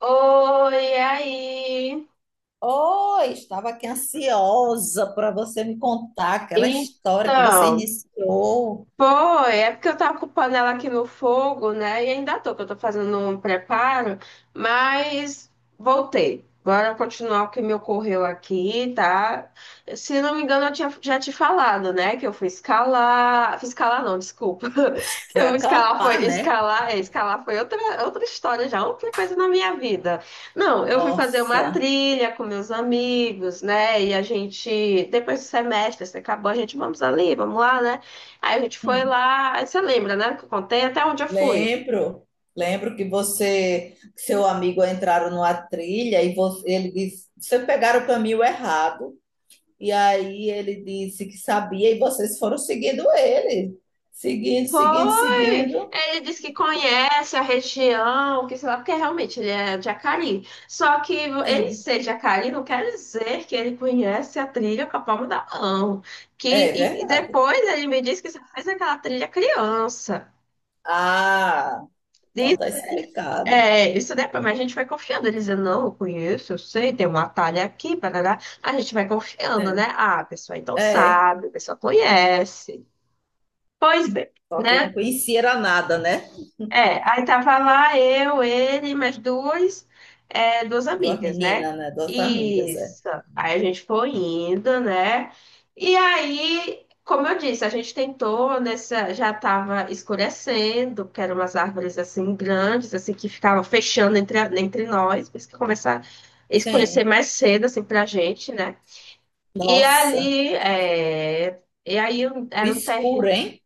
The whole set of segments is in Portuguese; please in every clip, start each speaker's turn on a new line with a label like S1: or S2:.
S1: Oi, e aí?
S2: Oi, estava aqui ansiosa para você me contar aquela história que você
S1: Então,
S2: iniciou.
S1: foi, é porque eu tava ocupando ela aqui no fogo, né? E ainda tô, que eu tô fazendo um preparo, mas voltei. Bora continuar o que me ocorreu aqui, tá? Se não me engano, eu tinha, já te falado, né? Que eu fui escalar. Fui escalar, não, desculpa. Que
S2: Foi
S1: eu fui escalar foi.
S2: acampar, né?
S1: Escalar, é, escalar foi outra, outra história já, outra coisa na minha vida. Não, eu fui fazer uma
S2: Nossa,
S1: trilha com meus amigos, né? E a gente, depois do semestre, assim, acabou, a gente vamos ali, vamos lá, né? Aí a gente foi
S2: hum,
S1: lá, aí você lembra, né, que eu contei até onde eu fui.
S2: lembro. Lembro que você, que seu amigo entraram numa trilha e ele disse, vocês pegaram o caminho errado. E aí ele disse que sabia e vocês foram seguindo ele. Seguindo, seguindo,
S1: Foi!
S2: seguindo.
S1: Ele disse que conhece a região, que sei lá, porque realmente ele é de Jacari. Só que ele
S2: Sim,
S1: ser de Jacari não quer dizer que ele conhece a trilha com a palma da mão. Que
S2: é
S1: e
S2: verdade.
S1: depois ele me disse que só fez aquela trilha criança.
S2: Ah, então
S1: Diz-
S2: tá explicado.
S1: é, isso depois, mas a gente vai confiando. Ele dizendo, não, eu conheço, eu sei, tem um atalho aqui, parará. A gente vai confiando, né?
S2: Sim.
S1: Ah, a pessoa então
S2: É.
S1: sabe, a pessoa conhece. Pois bem,
S2: Só que não
S1: né?
S2: conhecia era nada, né?
S1: É, aí tava lá eu, ele, mais duas, é, duas
S2: Duas
S1: amigas, né?
S2: meninas, né? Duas amigas, é.
S1: Isso. Aí a gente foi indo, né? E aí, como eu disse, a gente tentou nessa, já tava escurecendo, porque eram umas árvores assim grandes, assim que ficavam fechando entre, entre nós, por isso que começava a escurecer
S2: Sim.
S1: mais cedo assim pra gente, né? E
S2: Nossa,
S1: ali, é, e aí um,
S2: o
S1: era um terreno
S2: escuro, hein?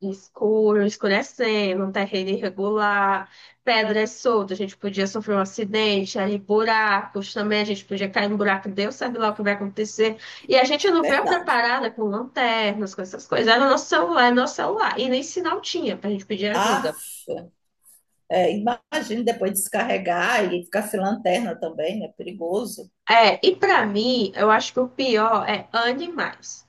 S1: escuro, escurecendo, um terreno irregular, pedras soltas, a gente podia sofrer um acidente, ali buracos também, a gente podia cair no buraco, Deus sabe lá o que vai acontecer. E a gente não veio
S2: Verdade.
S1: preparada com lanternas, com essas coisas. Era o nosso celular, era o nosso celular. E nem sinal tinha pra gente pedir ajuda.
S2: Aff, é, imagina depois descarregar e ficar sem lanterna também, né? Perigoso.
S1: É, e pra mim, eu acho que o pior é animais.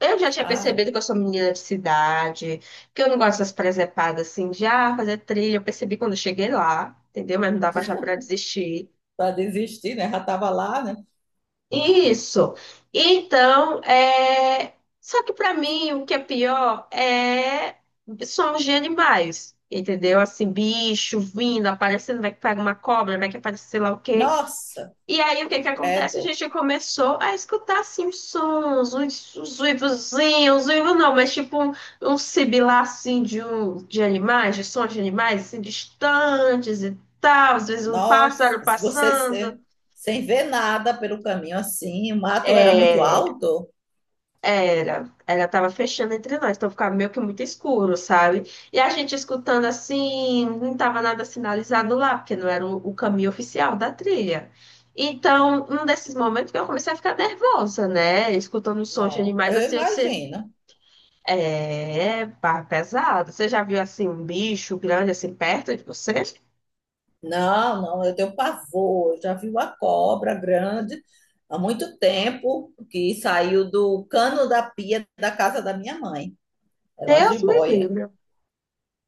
S1: Eu já tinha
S2: Ah,
S1: percebido que eu sou menina de cidade, que eu não gosto dessas presepadas assim, de ah, fazer trilha. Eu percebi quando eu cheguei lá, entendeu? Mas não dava já pra desistir.
S2: para desistir, né? Já estava lá, né?
S1: Isso. Então, é... só que para mim o que é pior é são os de animais, entendeu? Assim, bicho vindo, aparecendo, vai que pega uma cobra, vai que aparece sei lá o quê.
S2: Nossa,
S1: E aí o que que acontece? A
S2: credo.
S1: gente começou a escutar assim os sons, os uivozinhos, os uivos não, mas tipo um, um sibilar assim de, um, de animais, de sons de animais assim distantes e tal, às vezes um pássaro
S2: Nossa, se você
S1: passando.
S2: se- sem ver nada pelo caminho assim, o mato era muito
S1: É,
S2: alto?
S1: era, ela tava fechando entre nós, então ficava meio que muito escuro, sabe? E a gente escutando assim, não tava nada sinalizado lá, porque não era o caminho oficial da trilha. Então, num desses momentos que eu comecei a ficar nervosa, né? Escutando os sons de
S2: Não,
S1: animais
S2: eu
S1: assim, eu disse,
S2: imagino.
S1: é, pá, pesado. Você já viu assim um bicho grande assim perto de você?
S2: Não, não, eu tenho pavor. Eu já vi uma cobra grande há muito tempo que saiu do cano da pia da casa da minha mãe. Era uma
S1: Deus me
S2: jiboia.
S1: livre.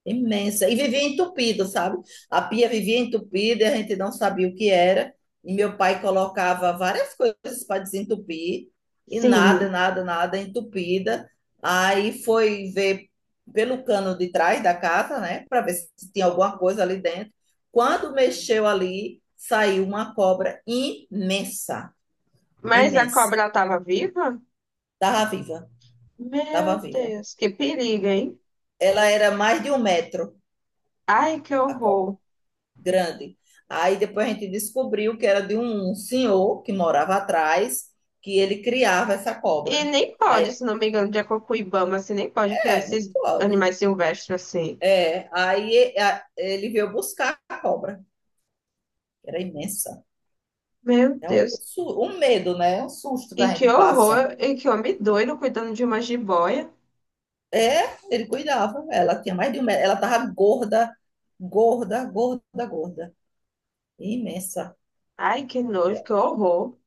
S2: Imensa. E vivia entupido, sabe? A pia vivia entupida e a gente não sabia o que era. E meu pai colocava várias coisas para desentupir e nada,
S1: Sim,
S2: nada, nada entupida. Aí foi ver pelo cano de trás da casa, né, para ver se tinha alguma coisa ali dentro. Quando mexeu ali, saiu uma cobra imensa,
S1: mas a
S2: imensa.
S1: cobra tava viva?
S2: Estava viva, estava
S1: Meu
S2: viva.
S1: Deus, que perigo, hein?
S2: Ela era mais de um metro,
S1: Ai, que
S2: a cobra.
S1: horror.
S2: Grande. Aí depois a gente descobriu que era de um senhor que morava atrás, que ele criava essa
S1: E
S2: cobra.
S1: nem pode,
S2: Aí,
S1: se não me engano, de acordo com o Ibama, assim, nem pode criar
S2: é, não
S1: esses
S2: pode.
S1: animais silvestres assim.
S2: É, aí ele veio buscar a cobra, que era imensa.
S1: Meu
S2: É
S1: Deus.
S2: um medo, né? Um susto que
S1: E
S2: a
S1: que
S2: gente passa.
S1: horror, e que homem doido cuidando de uma jiboia.
S2: É, ele cuidava. Ela tinha mais de um metro. Ela tava gorda, gorda, gorda, gorda. Imensa.
S1: Ai, que
S2: É,
S1: nojo, que horror.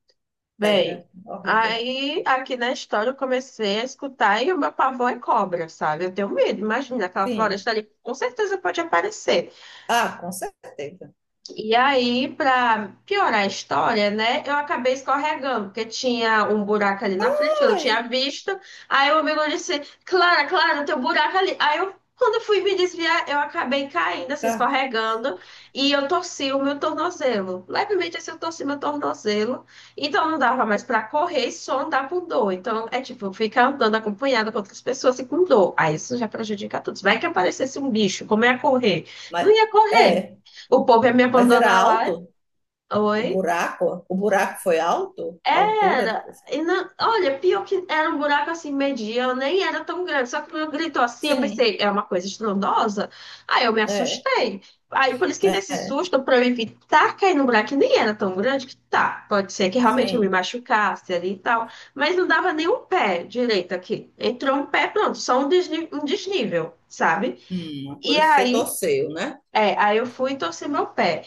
S2: era
S1: Bem,
S2: horrível.
S1: aí aqui na história eu comecei a escutar e o meu pavor é cobra, sabe? Eu tenho medo, imagina aquela
S2: Sim.
S1: floresta ali, com certeza pode aparecer.
S2: Ah, com certeza.
S1: E aí, para piorar a história, né, eu acabei escorregando, porque tinha um buraco ali na frente, eu não tinha
S2: Ai,
S1: visto. Aí o amigo disse, Clara, Clara, tem um buraco ali. Aí eu, quando eu fui me desviar, eu acabei caindo, assim,
S2: tá.
S1: escorregando, e eu torci o meu tornozelo. Levemente assim, eu torci meu tornozelo. Então não dava mais para correr e só andar com dor. Então é tipo, ficar andando acompanhada com outras pessoas e com dor. Aí isso já prejudica todos. Vai que aparecesse um bicho, como ia correr? Não
S2: Mas,
S1: ia correr.
S2: é.
S1: O povo ia me
S2: Mas era
S1: abandonar lá.
S2: alto o
S1: Oi?
S2: buraco? O buraco foi alto? A altura?
S1: Era. E não, olha, pior que era um buraco assim, mediano, nem era tão grande. Só que quando gritou assim, eu
S2: Sim,
S1: pensei, é uma coisa estrondosa. Aí eu me
S2: é,
S1: assustei. Aí por isso que nesse
S2: é,
S1: susto, pra eu evitar cair no buraco, que nem era tão grande, que tá, pode ser que realmente eu me
S2: sim.
S1: machucasse ali e tal. Mas não dava nem um pé direito aqui. Entrou um pé, pronto, só um um desnível, sabe?
S2: Por
S1: E
S2: isso você
S1: aí,
S2: torceu, né?
S1: é, aí eu fui e torci meu pé.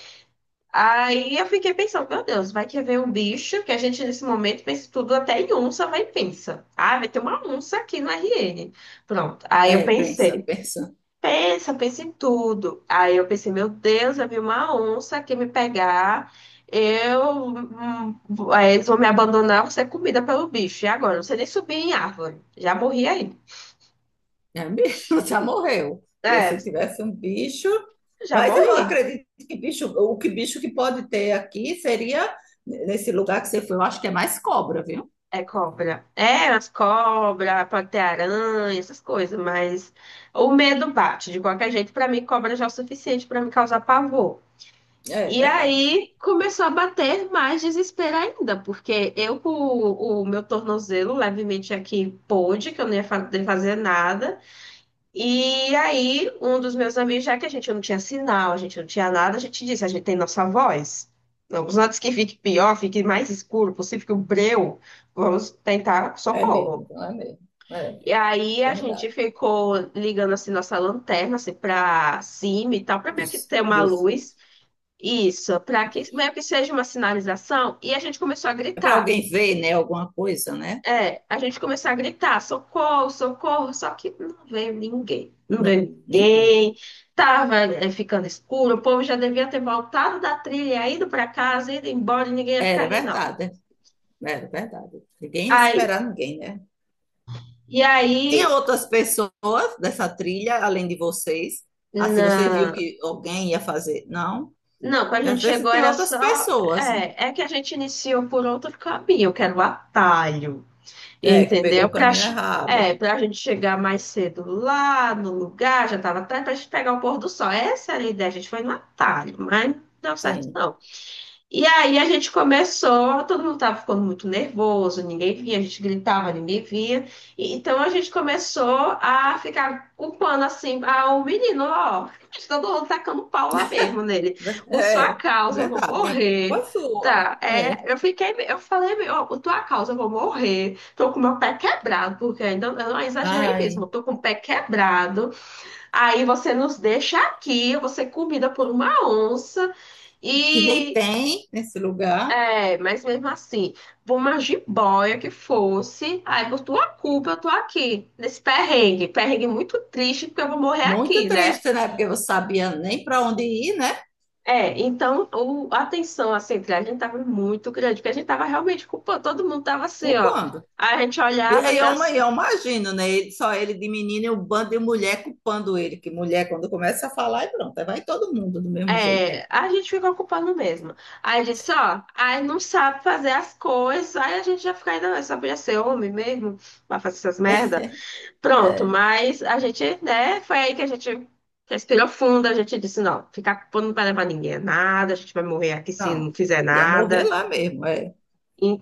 S1: Aí eu fiquei pensando, meu Deus, vai que vem um bicho que a gente nesse momento pensa tudo até em onça, vai e pensa. Ah, vai ter uma onça aqui no RN. Pronto. Aí eu
S2: É, pensa,
S1: pensei,
S2: pensa.
S1: pensa, pensa em tudo. Aí eu pensei, meu Deus, vai vir uma onça aqui me pegar. Eu, aí eles vão me abandonar, vou ser comida pelo bicho. E agora? Eu não sei nem subir em árvore. Já morri aí.
S2: É mesmo, já morreu. Porque
S1: É,
S2: se tivesse um bicho.
S1: já
S2: Mas eu
S1: morri.
S2: acredito que bicho, o que bicho que pode ter aqui seria nesse lugar que você foi, eu acho que é mais cobra, viu?
S1: É cobra. É, as cobras, pode ter aranha, essas coisas, mas o medo bate. De qualquer jeito, pra mim, cobra já é o suficiente pra me causar pavor.
S2: É
S1: E
S2: verdade.
S1: aí começou a bater mais desespero ainda, porque eu com o meu tornozelo levemente aqui pôde, que eu não ia fazer nada. E aí, um dos meus amigos, já que a gente não tinha sinal, a gente não tinha nada, a gente disse, a gente tem nossa voz. Vamos antes que fique pior, fique mais escuro, possível que o breu, vamos tentar
S2: É
S1: socorro.
S2: mesmo, não é mesmo. É
S1: E aí a
S2: verdade.
S1: gente ficou ligando assim nossa lanterna assim para cima e tal, para meio que
S2: Dos,
S1: ter uma
S2: dos...
S1: luz. Isso, para que meio que seja uma sinalização. E a gente começou a
S2: É para
S1: gritar.
S2: alguém ver, né? Alguma coisa, né?
S1: É, a gente começou a gritar, socorro, socorro, só que não veio ninguém, não veio
S2: Não, ninguém.
S1: ninguém, tava é, ficando escuro, o povo já devia ter voltado da trilha, ido para casa, ido embora, e ninguém ia ficar
S2: Era
S1: ali, não.
S2: verdade, era verdade. Ninguém ia
S1: Aí,
S2: esperar ninguém, né?
S1: e
S2: Tinha
S1: aí,
S2: outras pessoas dessa trilha, além de vocês? Assim, você viu
S1: na...
S2: que alguém ia fazer? Não.
S1: não, quando a
S2: E às
S1: gente
S2: vezes
S1: chegou
S2: tem
S1: era
S2: outras
S1: só,
S2: pessoas,
S1: é, é que a gente iniciou por outro caminho, que era o atalho.
S2: né, que pegou
S1: Entendeu?
S2: o
S1: Pra,
S2: caminho errado.
S1: é, pra gente chegar mais cedo lá no lugar, já tava tarde, pra gente pegar o pôr do sol. Essa era a ideia, a gente foi no atalho, mas não deu certo
S2: Sim,
S1: não. E aí a gente começou, todo mundo estava ficando muito nervoso, ninguém via, a gente gritava, ninguém via. E, então a gente começou a ficar culpando assim, ah, o menino, ó, todo mundo tacando pau lá mesmo nele. Por sua
S2: É
S1: causa, eu vou
S2: verdade. É culpa
S1: morrer.
S2: sua.
S1: Tá,
S2: É.
S1: é, eu fiquei, eu falei, meu, ó, por tua causa, eu vou morrer. Tô com meu pé quebrado, porque ainda eu não exagerei mesmo,
S2: Ai,
S1: eu tô com o pé quebrado. Aí você nos deixa aqui, eu vou ser comida por uma onça.
S2: que nem
S1: E,
S2: tem nesse lugar.
S1: é, mas mesmo assim, por uma jiboia que fosse, aí por tua culpa eu tô aqui, nesse perrengue, perrengue muito triste, porque eu vou morrer
S2: Muito
S1: aqui, né?
S2: triste, né? Porque você sabia nem para onde ir, né?
S1: É, então o- a tensão assim, entre a gente tava muito grande, porque a gente tava realmente culpando, todo mundo tava assim, ó.
S2: Culpando.
S1: Aí a gente
S2: E
S1: olhava
S2: e
S1: já assim,
S2: eu imagino, né? Ele, só ele de menino e o bando de mulher culpando ele, que mulher, quando começa a falar, é pronto, aí vai todo mundo do mesmo jeito.
S1: é, a gente ficou culpando mesmo. Aí disse, ó, aí não sabe fazer as coisas, aí a gente já fica ainda, "Não, só podia ser homem mesmo, pra fazer essas merda. Pronto,
S2: É,
S1: mas a gente, né, foi aí que a gente respirou fundo, a gente disse, não, ficar com não vai levar ninguém a nada, a gente vai morrer aqui se
S2: não,
S1: não fizer
S2: ia morrer
S1: nada.
S2: lá mesmo, é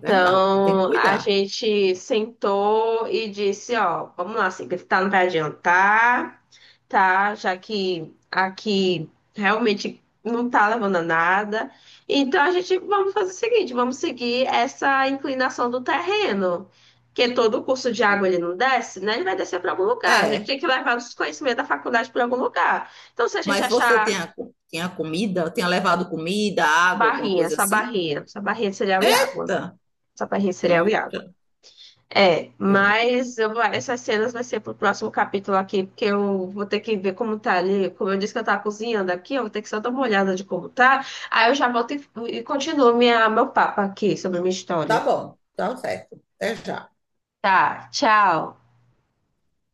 S2: verdade, tem que
S1: a
S2: cuidar.
S1: gente sentou e disse, ó, vamos lá, assim que tá, não vai adiantar tá? Já que aqui realmente não tá levando a nada. Então a gente vamos fazer o seguinte, vamos seguir essa inclinação do terreno, que todo o curso de água ele não desce, né? Ele vai descer para algum lugar. A gente
S2: É,
S1: tem que levar os conhecimentos da faculdade para algum lugar. Então se a gente
S2: mas você
S1: achar
S2: tinha, tinha comida, tinha levado comida, água, alguma
S1: barrinha,
S2: coisa
S1: essa
S2: assim?
S1: barrinha, essa barrinha de cereal e água,
S2: Eita,
S1: essa barrinha de cereal e
S2: eita.
S1: água. É,
S2: É,
S1: mas eu vou- essas cenas vai ser pro próximo capítulo aqui, porque eu vou ter que ver como tá ali. Como eu disse que eu tava cozinhando aqui, eu vou ter que só dar uma olhada de como tá. Aí eu já volto e continuo minha, meu papo aqui sobre a minha
S2: tá
S1: história.
S2: bom, tá certo, até já.
S1: Tá, tchau.